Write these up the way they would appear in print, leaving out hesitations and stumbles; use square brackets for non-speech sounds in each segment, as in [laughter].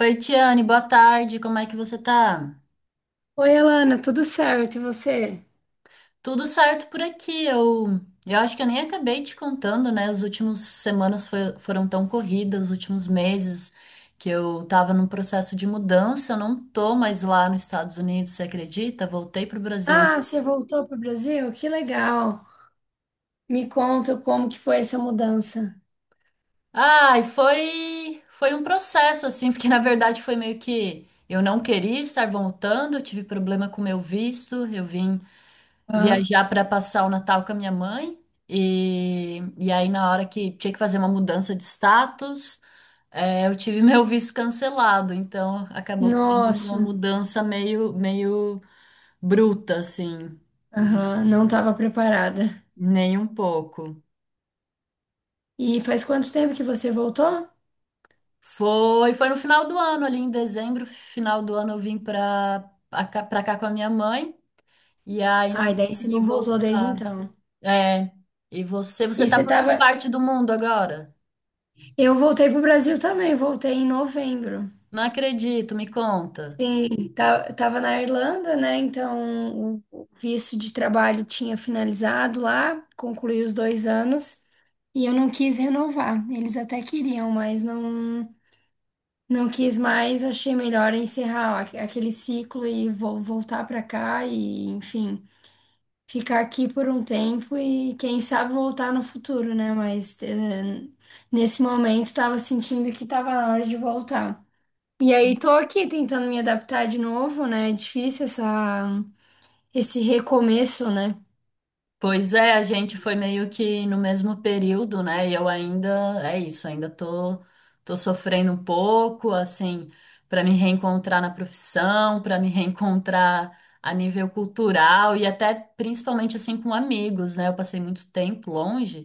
Oi, Tiane, boa tarde, como é que você tá? Oi, Alana, tudo certo? E você? Tudo certo por aqui, eu acho que eu nem acabei te contando, né? As últimas semanas foram tão corridas, os últimos meses que eu tava num processo de mudança, eu não tô mais lá nos Estados Unidos, você acredita? Voltei pro Brasil. Ah, você voltou para o Brasil? Que legal! Me conta como que foi essa mudança. Ai, foi um processo, assim, [laughs] porque na verdade foi meio que eu não queria estar voltando, eu tive problema com meu visto, eu vim Ah, viajar para passar o Natal com a minha mãe. E aí, na hora que tinha que fazer uma mudança de status, eu tive [laughs] meu visto cancelado. Então, acabou que sendo nossa, uma mudança meio bruta, assim, aham, não estava preparada. nem um pouco. E faz quanto tempo que você voltou? Foi no final do ano, ali em dezembro, final do ano, eu vim para pra cá com a minha mãe. E aí, não Ai, daí você consegui não voltou desde voltar. então. É, e você E você tá por que estava. parte do mundo agora? Eu voltei para o Brasil também, voltei em novembro. Não acredito, me conta. Sim, tava na Irlanda, né? Então o visto de trabalho tinha finalizado lá, concluí os 2 anos e eu não quis renovar. Eles até queriam, mas não, não quis mais. Achei melhor encerrar aquele ciclo e vou voltar para cá e, enfim, ficar aqui por um tempo e quem sabe voltar no futuro, né? Mas, nesse momento tava sentindo que tava na hora de voltar. E aí, tô aqui tentando me adaptar de novo, né? É difícil esse recomeço, né? Pois é, a gente foi meio que no mesmo período, né? E eu ainda, é isso, ainda tô sofrendo um pouco, assim, para me reencontrar na profissão, para me reencontrar a nível cultural e até principalmente assim com amigos, né? Eu passei muito tempo longe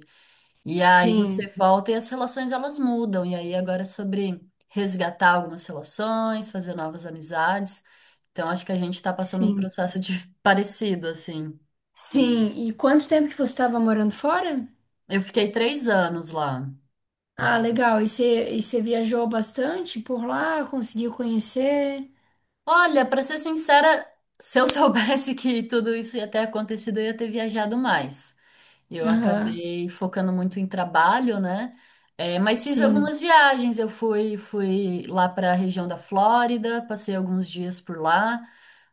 e aí você Sim, volta e as relações elas mudam. E aí agora é sobre resgatar algumas relações, fazer novas amizades. Então acho que a gente tá passando um sim, processo de [laughs] parecido, assim. sim. E quanto tempo que você estava morando fora? Eu fiquei 3 anos lá. Ah, legal. E você viajou bastante por lá? Conseguiu conhecer? Olha, pra ser sincera, se eu [laughs] soubesse que tudo isso ia ter acontecido, eu ia ter viajado mais. Eu Aham, acabei focando muito em trabalho, né? É, mas fiz sim. algumas viagens. Eu fui lá para a região da Flórida, passei alguns dias por lá.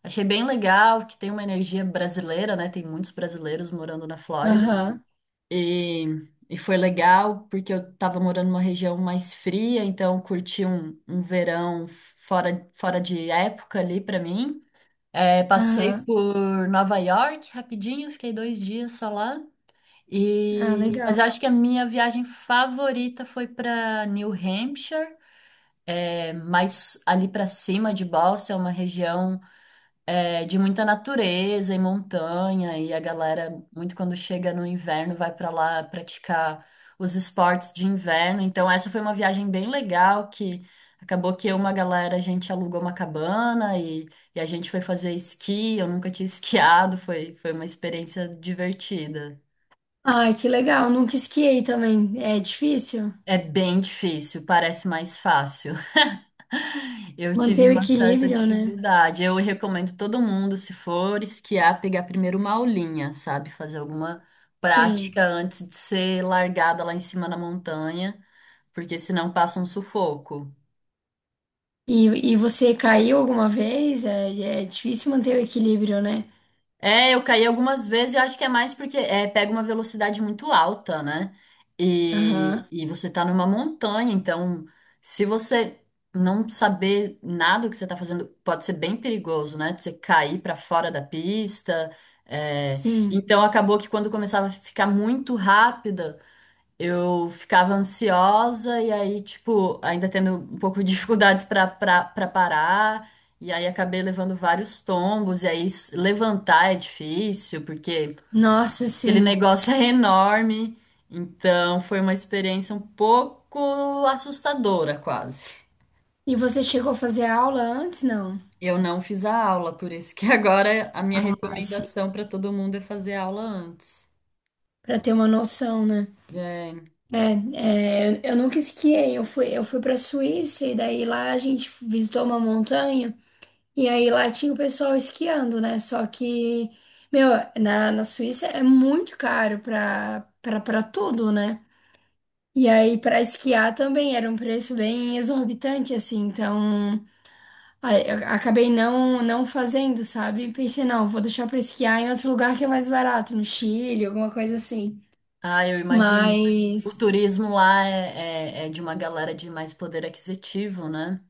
Achei bem legal que tem uma energia brasileira, né? Tem muitos brasileiros morando na Flórida. Aham, E foi legal porque eu estava morando numa região mais fria, então curti um verão fora de época ali para mim. É, passei aham. por Nova York rapidinho, fiquei 2 dias só lá. Ah, E, mas legal. eu acho que a minha viagem favorita foi para New Hampshire, mais ali para cima de Boston, é uma região de muita natureza e montanha, e a galera, muito quando chega no inverno, vai pra lá praticar os esportes de inverno. Então, essa foi uma viagem bem legal que acabou que eu e uma galera, a gente alugou uma cabana e a gente foi fazer esqui. Eu nunca tinha [laughs] esquiado, foi uma experiência divertida. Ah, que legal. Nunca esquiei também. É difícil É bem difícil, parece mais fácil. Eu manter tive o uma certa equilíbrio, né? dificuldade. Eu recomendo todo mundo, se for esquiar, pegar primeiro uma aulinha, sabe? Fazer alguma Sim. prática antes de ser largada lá em cima na montanha, porque senão passa um sufoco. E, e você caiu alguma vez? É, é difícil manter o equilíbrio, né? É, eu caí algumas vezes e acho que é mais porque pega uma velocidade muito alta, né? Aham, E você tá numa montanha, então se você não saber nada do que você tá fazendo, pode ser bem perigoso, né? De você cair pra fora da pista. É. sim. Então acabou que quando começava a ficar muito rápida. Eu ficava ansiosa e aí, tipo, ainda tendo um pouco de [laughs] dificuldades para parar, e aí acabei levando vários tombos, e aí levantar é difícil, porque Nossa, aquele sim. negócio [laughs] é enorme. Então, foi uma experiência um pouco assustadora, quase. E você chegou a fazer aula antes, não? Eu não fiz a aula, por isso que [laughs] agora a minha Ah, sim. recomendação para todo mundo é fazer a aula antes. Para ter uma noção, né? É. É, é, eu nunca esquiei. Eu fui para Suíça e daí lá a gente visitou uma montanha e aí lá tinha o pessoal esquiando, né? Só que, meu, na Suíça é muito caro para tudo, né? E aí para esquiar também era um preço bem exorbitante, assim. Então aí, eu acabei não, não fazendo, sabe? Pensei, não, vou deixar pra esquiar em outro lugar que é mais barato, no Chile, alguma coisa assim. Ah, eu imagino. O Mas, turismo lá é de uma galera de mais poder aquisitivo, né?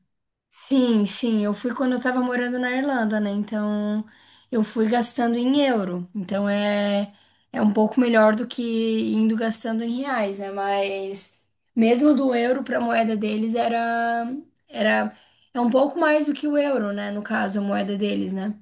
sim, sim, eu fui quando eu tava morando na Irlanda, né? Então, eu fui gastando em euro. Então, é, é um pouco melhor do que indo gastando em reais, né? Mas, mesmo do euro pra moeda deles, era, é um pouco mais do que o euro, né? No caso, a moeda deles, né?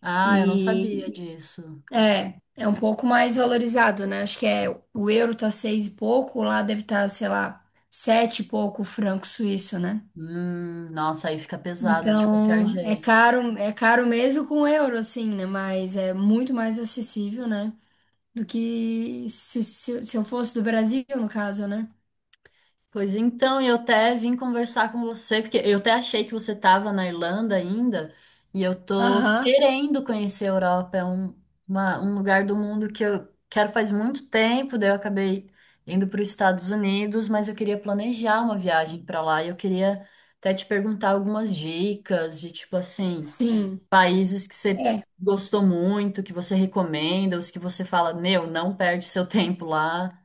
Ah, eu não sabia E. disso. É, é um pouco mais valorizado, né? Acho que é o euro tá seis e pouco, lá deve estar, sei lá, sete e pouco o franco suíço, né? Nossa, aí fica pesado de qualquer Então, jeito. É caro mesmo com euro, assim, né? Mas é muito mais acessível, né? Do que se eu fosse do Brasil, no caso, né? Pois então, eu até vim conversar com você, porque eu até achei que você estava na Irlanda ainda, e eu tô Aham, querendo conhecer a Europa, é um lugar do mundo que eu quero faz muito tempo, daí eu acabei indo para os Estados Unidos, mas eu queria planejar uma viagem para lá, e eu queria até te perguntar algumas dicas de tipo assim, sim. países que você É. gostou muito, que você recomenda, os que você fala, meu, não perde seu tempo lá.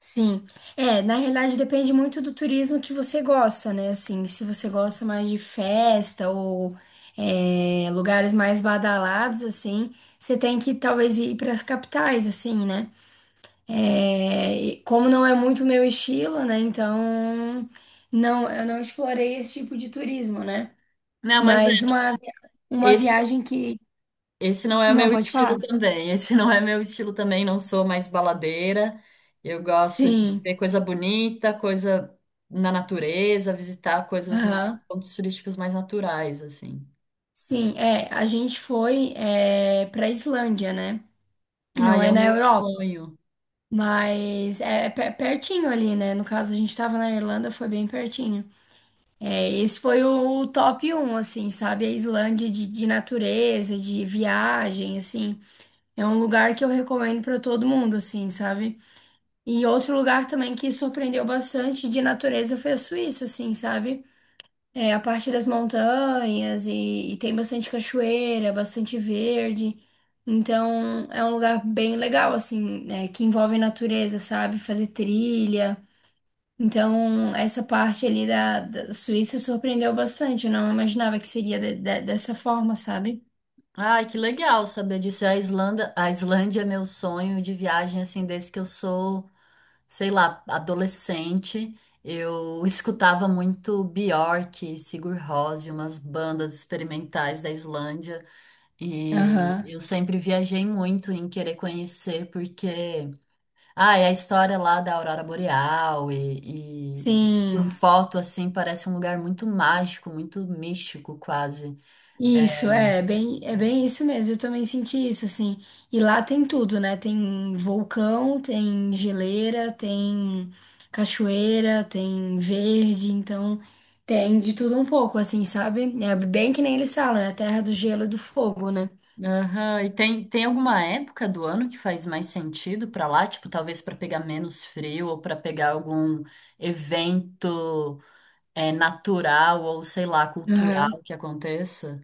Sim, é, na realidade depende muito do turismo que você gosta, né? Assim, se você gosta mais de festa ou é, lugares mais badalados, assim, você tem que talvez ir para as capitais, assim, né? É, e como não é muito meu estilo, né? Então, não, eu não explorei esse tipo de turismo, né? Não, mas Mas uma é. viagem que. Esse não é o Não, meu pode estilo falar. também. Esse não é meu estilo também. Não sou mais baladeira. Eu gosto de Sim, ver coisa bonita, coisa na natureza, visitar coisas mais, aham. pontos turísticos mais naturais, assim. Sim, é, a gente foi para Islândia, né? Não Ai, é é o na meu Europa, sonho. mas é pertinho ali, né? No caso, a gente tava na Irlanda, foi bem pertinho. É, esse foi o top um, assim, sabe? A Islândia de natureza, de viagem, assim. É um lugar que eu recomendo pra todo mundo, assim, sabe? E outro lugar também que surpreendeu bastante de natureza foi a Suíça, assim, sabe? É, a parte das montanhas e tem bastante cachoeira, bastante verde. Então, é um lugar bem legal, assim, né, que envolve natureza, sabe? Fazer trilha. Então, essa parte ali da Suíça surpreendeu bastante. Eu não imaginava que seria dessa forma, sabe? Ai, que legal saber disso. A Islândia é meu sonho de viagem, assim, desde que eu sou, sei lá, adolescente. Eu escutava muito Björk, Sigur Rós umas bandas experimentais da Islândia. E Aham. eu sempre viajei muito em querer conhecer, porque ah, é a história lá da Aurora Boreal e, e por Sim. foto assim parece um lugar muito mágico, muito místico quase. Isso, é bem isso mesmo. Eu também senti isso, assim. E lá tem tudo, né? Tem vulcão, tem geleira, tem cachoeira, tem verde, então tem de tudo um pouco, assim, sabe? É bem que nem eles falam, é a terra do gelo e do fogo, né? Aham, e tem, tem alguma época do ano que faz mais sentido pra lá? Tipo, talvez pra pegar menos frio ou pra pegar algum evento natural ou sei lá, cultural Aham. que aconteça?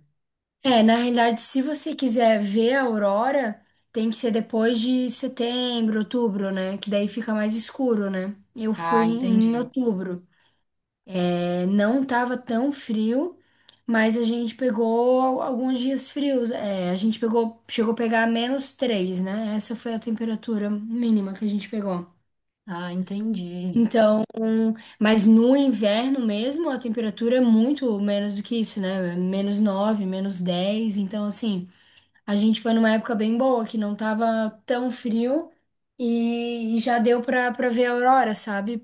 É, na realidade, se você quiser ver a aurora, tem que ser depois de setembro, outubro, né? Que daí fica mais escuro, né? Eu fui Ah, em entendi. outubro. É, não estava tão frio, mas a gente pegou alguns dias frios. É, a gente pegou, chegou a pegar menos 3, né? Essa foi a temperatura mínima que a gente pegou. Ah, entendi. Então, mas no inverno mesmo, a temperatura é muito menos do que isso, né? Menos 9, menos 10. Então, assim, a gente foi numa época bem boa, que não tava tão frio e já deu pra ver a aurora, sabe?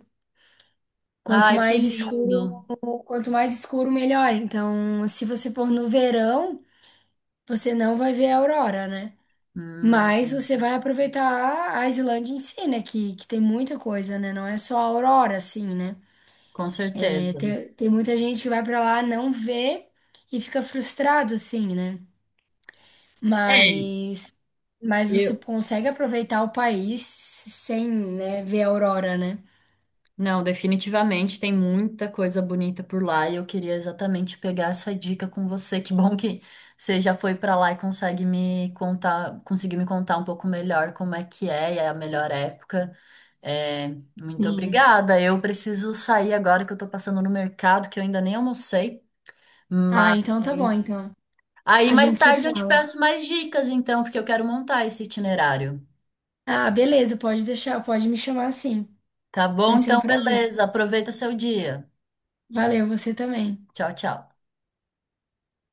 Quanto Ai, que mais lindo. escuro Quanto mais escuro, melhor. Então, se você for no verão, você não vai ver a aurora, né? Mas Hum, você vai aproveitar a Islândia em si, né? Que tem muita coisa, né? Não é só a aurora, assim, né? com É, certeza. tem, muita gente que vai pra lá, não vê e fica frustrado, assim, né? É, Mas, mas você eu. consegue aproveitar o país sem, né, ver a aurora, né? Não, definitivamente tem muita coisa bonita por lá e eu queria exatamente pegar essa dica com você. Que bom que você já foi pra lá e consegue me contar, conseguir me contar um pouco melhor como é que é e é a melhor época. É, muito Sim. obrigada. Eu preciso sair agora que eu tô passando no mercado, que eu ainda nem almocei, Ah, mas então tá bom, então. aí A mais gente se tarde eu te fala. peço mais dicas então, porque eu quero montar esse itinerário. Ah, beleza, pode deixar, pode me chamar assim. Tá bom? Vai ser um Então, prazer. beleza. Aproveita seu dia. Valeu, você também. Tchau, tchau.